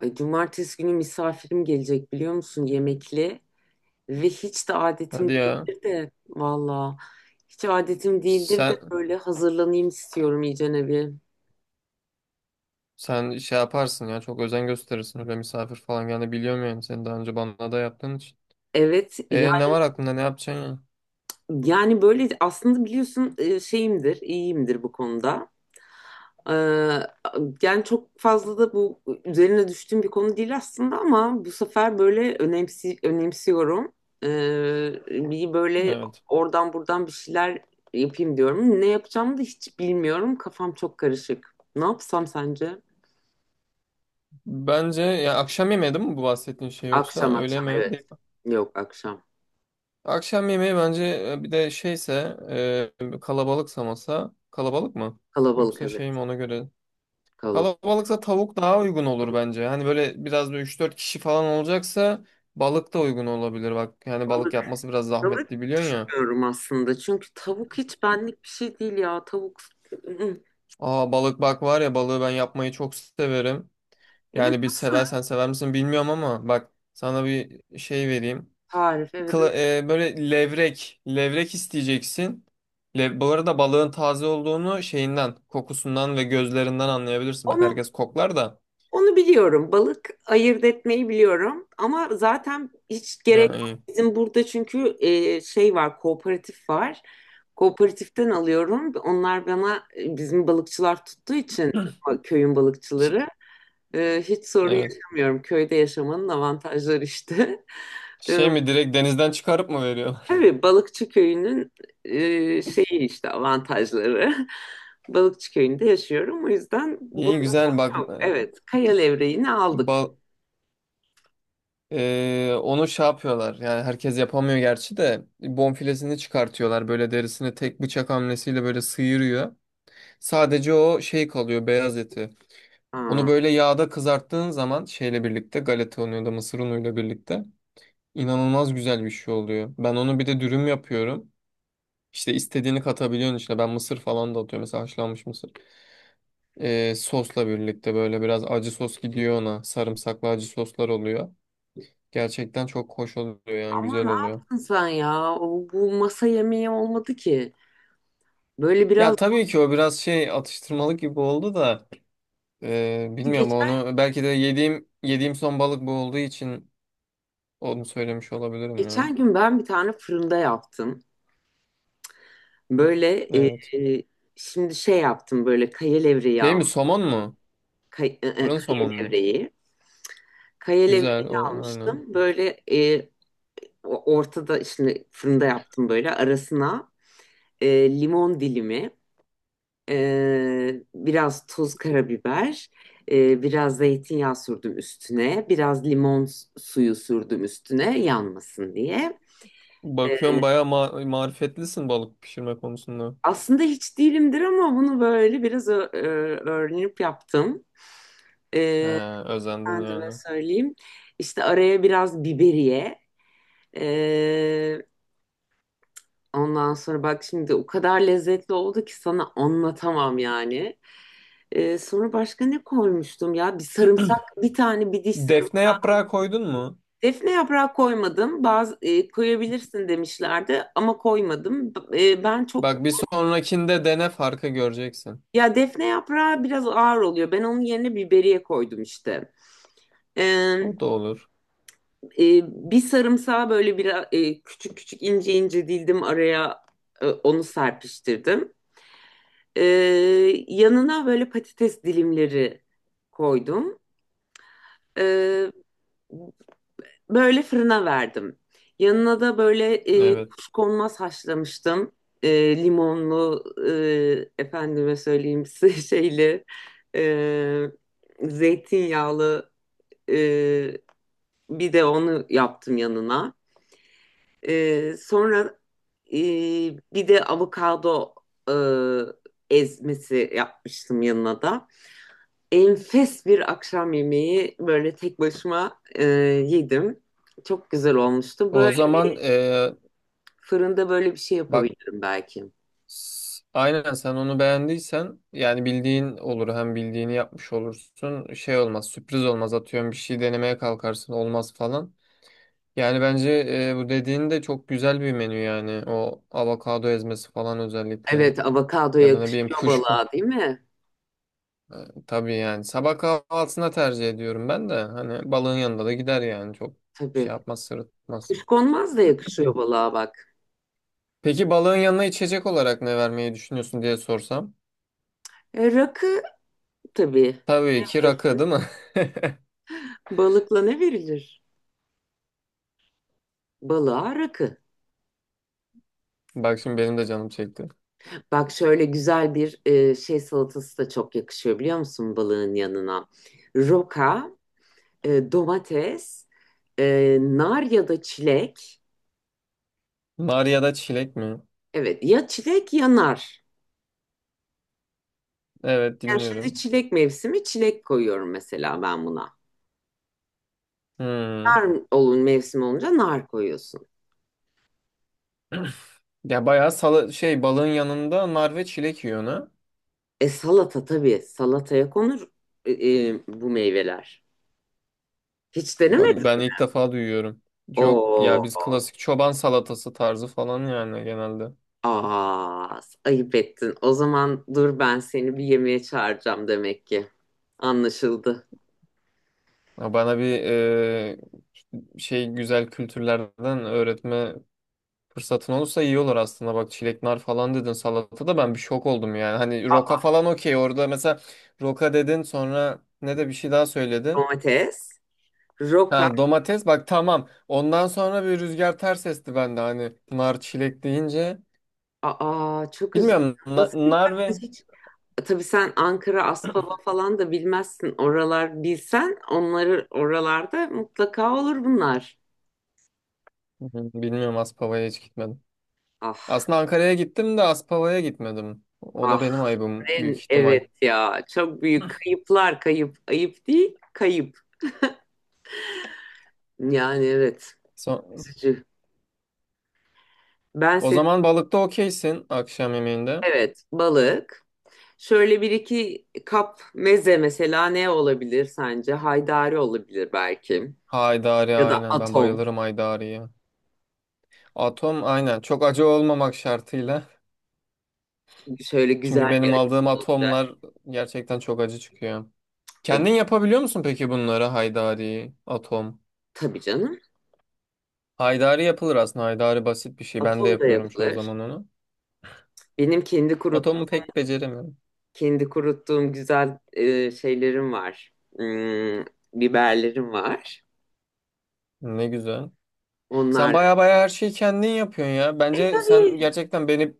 Ay, Cumartesi günü misafirim gelecek biliyor musun, yemekli. Ve hiç de adetim Hadi ya. değildir de valla, hiç adetim değildir de Sen böyle hazırlanayım istiyorum iyicene bir. sen şey yaparsın ya. Çok özen gösterirsin. Öyle misafir falan geldi biliyorum yani. Sen daha önce bana da yaptığın için. Evet ya, E ne var aklında? Ne yapacaksın ya? yani böyle aslında biliyorsun şeyimdir, iyiyimdir bu konuda. Ee, Yani çok fazla da bu üzerine düştüğüm bir konu değil aslında, ama bu sefer böyle önemsiyorum. Bir böyle Evet. oradan buradan bir şeyler yapayım diyorum. Ne yapacağımı da hiç bilmiyorum. Kafam çok karışık. Ne yapsam sence? Bence ya akşam yemeği değil mi bu bahsettiğin şey, yoksa Akşam öğle akşam mi, evet. değil mi? Yok, akşam. Akşam yemeği bence bir de şeyse, kalabalıksa, masa kalabalık mı? Kalabalık, Yoksa evet. şey mi, ona göre? Kalabalık. Kalabalıksa tavuk daha uygun olur bence. Hani böyle biraz da 3-4 kişi falan olacaksa balık da uygun olabilir. Bak yani balık Balık, yapması biraz balık zahmetli, biliyorsun ya. diyorum aslında. Çünkü tavuk hiç benlik bir şey değil ya. Tavuk. Aa, balık, bak var ya, balığı ben yapmayı çok severim. Evet, Yani bir nasıl? seversen, sever misin bilmiyorum, ama bak sana bir şey vereyim. Tarif, evet. Böyle levrek isteyeceksin. Bu arada balığın taze olduğunu şeyinden, kokusundan ve gözlerinden anlayabilirsin. Bak Onu herkes koklar da. Onu biliyorum. Balık ayırt etmeyi biliyorum. Ama zaten hiç gerek Ha, yok. iyi. Bizim burada çünkü şey var, kooperatif var. Kooperatiften alıyorum. Onlar bana, bizim balıkçılar tuttuğu için, köyün Ş- balıkçıları, hiç sorun evet. yaşamıyorum. Köyde yaşamanın avantajları işte. E, Şey mi, direkt denizden çıkarıp mı veriyor? tabii balıkçı köyünün şeyi işte, avantajları. Balıkçı köyünde yaşıyorum. O yüzden İyi bunda güzel bak. sorun yok. E, Evet, kaya levreğini aldık. Bal onu şey yapıyorlar, yani herkes yapamıyor gerçi de, bonfilesini çıkartıyorlar, böyle derisini tek bıçak hamlesiyle böyle sıyırıyor. Sadece o şey kalıyor, beyaz eti. Onu Aa. böyle yağda kızarttığın zaman şeyle birlikte, galeta unuyla mısır unuyla birlikte, inanılmaz güzel bir şey oluyor. Ben onu bir de dürüm yapıyorum. İşte istediğini katabiliyorsun içine. Ben mısır falan da atıyorum mesela, haşlanmış mısır. Sosla birlikte böyle biraz acı sos gidiyor ona. Sarımsaklı acı soslar oluyor. Gerçekten çok hoş oluyor, yani Ama güzel ne oluyor. yaptın sen ya? Bu masa yemeği olmadı ki. Böyle biraz Ya tabii ki o biraz şey, atıştırmalık gibi oldu da, bilmiyorum, geçen onu belki de yediğim son balık bu olduğu için onu söylemiş olabilirim ya. geçen gün ben bir tane fırında yaptım. Böyle Evet. e, şimdi şey yaptım böyle, kaya levreği Şey al, mi, somon mu? Fırın kaya somon mu? levreği. Kaya Güzel levreği o, aynen. almıştım. Böyle, e, ortada şimdi fırında yaptım, böyle arasına e, limon dilimi. Biraz tuz, karabiber, biraz zeytinyağı sürdüm üstüne, biraz limon suyu sürdüm üstüne yanmasın diye. Ee, Bakıyorum bayağı marifetlisin balık pişirme konusunda. Aslında hiç değilimdir ama bunu böyle biraz öğrenip yaptım. He, Ee, özendim Kendime yani. söyleyeyim. İşte araya biraz biberiye. ee, Ondan sonra bak şimdi o kadar lezzetli oldu ki sana anlatamam yani. Sonra başka ne koymuştum ya? Bir sarımsak, bir tane, bir diş sarımsak. Defne yaprağı koydun mu? Defne yaprağı koymadım. Bazı, koyabilirsin demişlerdi ama koymadım. E, ben çok Bak bir sonrakinde dene, farkı göreceksin. Ya defne yaprağı biraz ağır oluyor. Ben onun yerine biberiye koydum işte. E, O da olur. e, Bir sarımsağı böyle bir küçük küçük, ince ince dildim araya, onu serpiştirdim. E, Yanına böyle patates dilimleri koydum. E, Böyle fırına verdim. Yanına da böyle, Evet. kuşkonmaz haşlamıştım. Limonlu, efendime söyleyeyim size şeyli, e, zeytinyağlı, e, bir de onu yaptım yanına. Sonra e, bir de avokado ezmesi yapmıştım yanına da. Enfes bir akşam yemeği, böyle tek başıma yedim. Çok güzel olmuştu. O Böyle zaman fırında böyle bir şey bak, yapabilirim belki. Aynen, sen onu beğendiysen yani bildiğin olur, hem bildiğini yapmış olursun, şey olmaz, sürpriz olmaz, atıyorum bir şey denemeye kalkarsın, olmaz falan. Yani bence bu dediğin de çok güzel bir menü yani, o avokado ezmesi falan özellikle, Evet, avokado ya da ne bileyim yakışıyor kuşku. balığa, değil mi? E, tabii yani sabah kahvaltısına tercih ediyorum ben de, hani balığın yanında da gider yani, çok şey Tabii. yapmaz, sırıtmaz. Kuşkonmaz da yakışıyor balığa bak. Peki balığın yanına içecek olarak ne vermeyi düşünüyorsun diye sorsam? Rakı tabii. Tabii ki rakı değil mi? Balıkla ne verilir? Balığa rakı. Bak şimdi benim de canım çekti. Bak şöyle güzel bir şey salatası da çok yakışıyor biliyor musun balığın yanına? Roka, domates, nar ya da çilek. Nar ya da çilek mi? Evet ya, çilek ya nar. Evet, Yani şimdi dinliyorum. çilek mevsimi, çilek koyuyorum mesela ben buna. Hmm. Nar olun, mevsim olunca nar koyuyorsun. Ya bayağı, sala şey, balığın yanında nar ve çilek yiyor ha? E salata tabii. Salataya konur e, bu meyveler. Hiç Ben, denemedin. ben ilk defa duyuyorum. Yok Oo. ya, biz klasik çoban salatası tarzı falan yani genelde. Aa, ayıp ettin. O zaman dur, ben seni bir yemeğe çağıracağım demek ki. Anlaşıldı. Ya bana bir şey, güzel kültürlerden öğretme fırsatın olursa iyi olur aslında. Bak çilek nar falan dedin salatada, ben bir şok oldum yani. Hani roka Aa, falan okey orada mesela, roka dedin, sonra ne de bir şey daha söyledin. domates, Ha, roka. domates, bak tamam. Ondan sonra bir rüzgar ters esti bende hani, nar çilek deyince. Aa, çok güzel. Bilmiyorum, Nasıl nar ve bilmezsin hiç? E, tabii sen Ankara, Aspava falan da bilmezsin. Oralar bilsen, onları oralarda mutlaka olur bunlar. Hı hı, bilmiyorum, Aspava'ya hiç gitmedim. Ah, Aslında Ankara'ya gittim de Aspava'ya gitmedim. O da ah. benim ayıbım büyük En ihtimal. evet ya, çok büyük kayıplar. Kayıp, ayıp değil, kayıp yani. Evet, So- üzücü. Ben O seni zaman balıkta okeysin akşam yemeğinde. Evet balık, şöyle bir iki kap meze mesela, ne olabilir sence? Haydari olabilir belki, Haydari, ya da aynen, ben atom. bayılırım haydariye. Atom, aynen, çok acı olmamak şartıyla. Şöyle güzel Çünkü bir benim atom aldığım olacak. atomlar gerçekten çok acı çıkıyor. Ay, Kendin yapabiliyor musun peki bunları, haydari, atom? tabii canım, Haydari yapılır aslında. Haydari basit bir şey. Ben de atom da yapıyorum çoğu yapılır. zaman onu. Benim Atomu pek beceremiyorum. kendi kuruttuğum güzel şeylerim var. Hmm, biberlerim var, Ne güzel. Sen onlar. baya baya her şeyi kendin yapıyorsun ya. E, Bence sen tabii. gerçekten beni,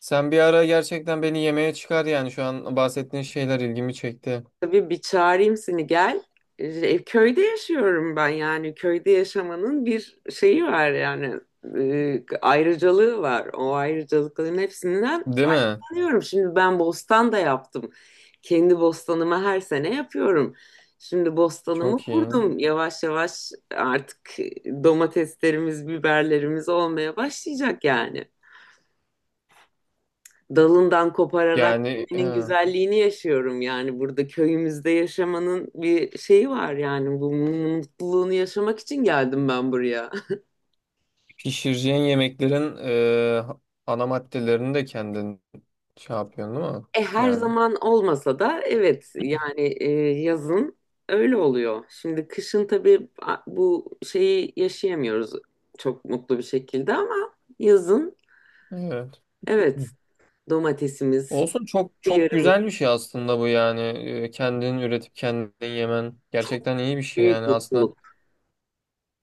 sen bir ara gerçekten beni yemeğe çıkar yani, şu an bahsettiğin şeyler ilgimi çekti. Tabii bir çağırayım seni, gel. E, köyde yaşıyorum ben, yani köyde yaşamanın bir şeyi var yani, ayrıcalığı var. O ayrıcalıkların hepsinden Değil mi? faydalanıyorum. Şimdi ben bostan da yaptım. Kendi bostanımı her sene yapıyorum. Şimdi bostanımı Çok iyi. kurdum. Yavaş yavaş artık domateslerimiz, biberlerimiz olmaya başlayacak. Yani dalından kopararak Yani yemenin he, güzelliğini yaşıyorum yani, burada köyümüzde yaşamanın bir şeyi var yani, bu mutluluğunu yaşamak için geldim ben buraya. pişireceğin yemeklerin ana maddelerini de kendin şey yapıyorsun değil mi? E her Yani. zaman olmasa da evet yani, yazın öyle oluyor. Şimdi kışın tabii bu şeyi yaşayamıyoruz çok mutlu bir şekilde, ama yazın Evet. evet, domatesimiz, Olsun, çok çok yarımız, güzel bir şey aslında bu yani. Kendin üretip kendin yemen çok gerçekten iyi bir şey büyük yani aslında. mutluluk.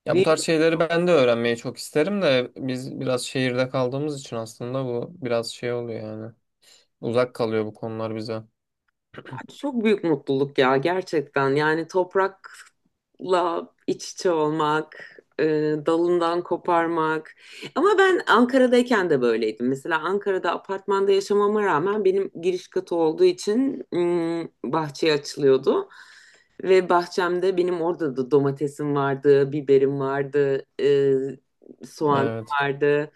Ya bu tarz şeyleri ben de öğrenmeyi çok isterim de, biz biraz şehirde kaldığımız için aslında bu biraz şey oluyor yani. Uzak kalıyor bu konular bize. Çok büyük mutluluk ya, gerçekten. Yani toprakla iç içe olmak, dalından koparmak. Ama ben Ankara'dayken de böyleydim. Mesela Ankara'da apartmanda yaşamama rağmen, benim giriş katı olduğu için mm, bahçeye açılıyordu. Ve bahçemde benim, orada da domatesim vardı, biberim vardı, soğanım Evet. vardı.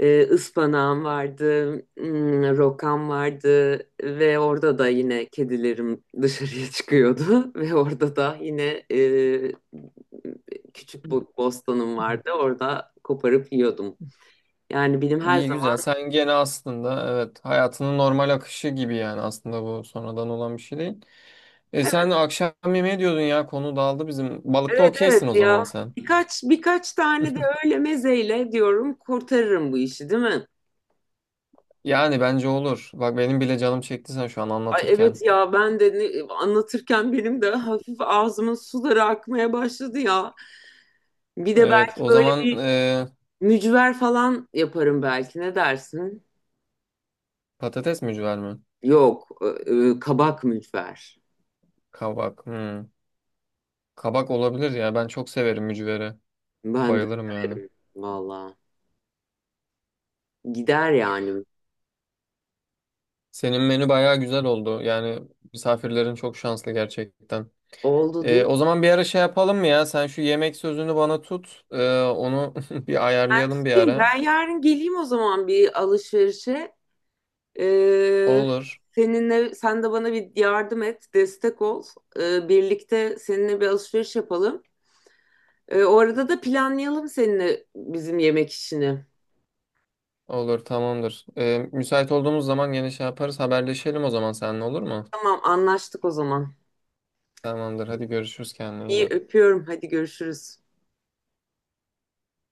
E, ıspanağım vardı, hmm, rokam vardı ve orada da yine kedilerim dışarıya çıkıyordu ve orada da yine e, küçük bostanım vardı. Orada koparıp yiyordum. Yani benim her İyi zaman güzel. Sen gene aslında, evet, hayatının normal akışı gibi yani, aslında bu sonradan olan bir şey değil. E sen akşam yemeği diyordun ya, konu dağıldı bizim. Balıkta Evet okeysin evet o zaman ya, sen. Birkaç tane de öyle mezeyle diyorum, kurtarırım bu işi değil mi? Yani bence olur. Bak benim bile canım çekti sen şu an Ay anlatırken. evet ya, ben de anlatırken benim de hafif ağzımın suları akmaya başladı ya. Bir de Evet, belki o böyle zaman bir mücver falan yaparım belki. Ne dersin? patates mücver mi? Yok, kabak mücver. Kabak. Hmm. Kabak olabilir ya. Ben çok severim mücvere. Ben de Bayılırım yani. severim valla. Gider yani. Senin menü bayağı güzel oldu. Yani misafirlerin çok şanslı gerçekten. Oldu değil E, o mi? zaman bir ara şey yapalım mı ya? Sen şu yemek sözünü bana tut. E, onu bir Ben ayarlayalım bir tutayım. Ben ara. yarın geleyim o zaman bir alışverişe. Ee, Olur. Seninle, sen de bana bir yardım et, destek ol. Birlikte seninle bir alışveriş yapalım. O arada da planlayalım seninle bizim yemek işini. Olur, tamamdır. E, müsait olduğumuz zaman yine şey yaparız. Haberleşelim o zaman seninle, olur mu? Tamam, anlaştık o zaman. Tamamdır. Hadi görüşürüz, kendine iyi İyi bak. öpüyorum. Hadi görüşürüz.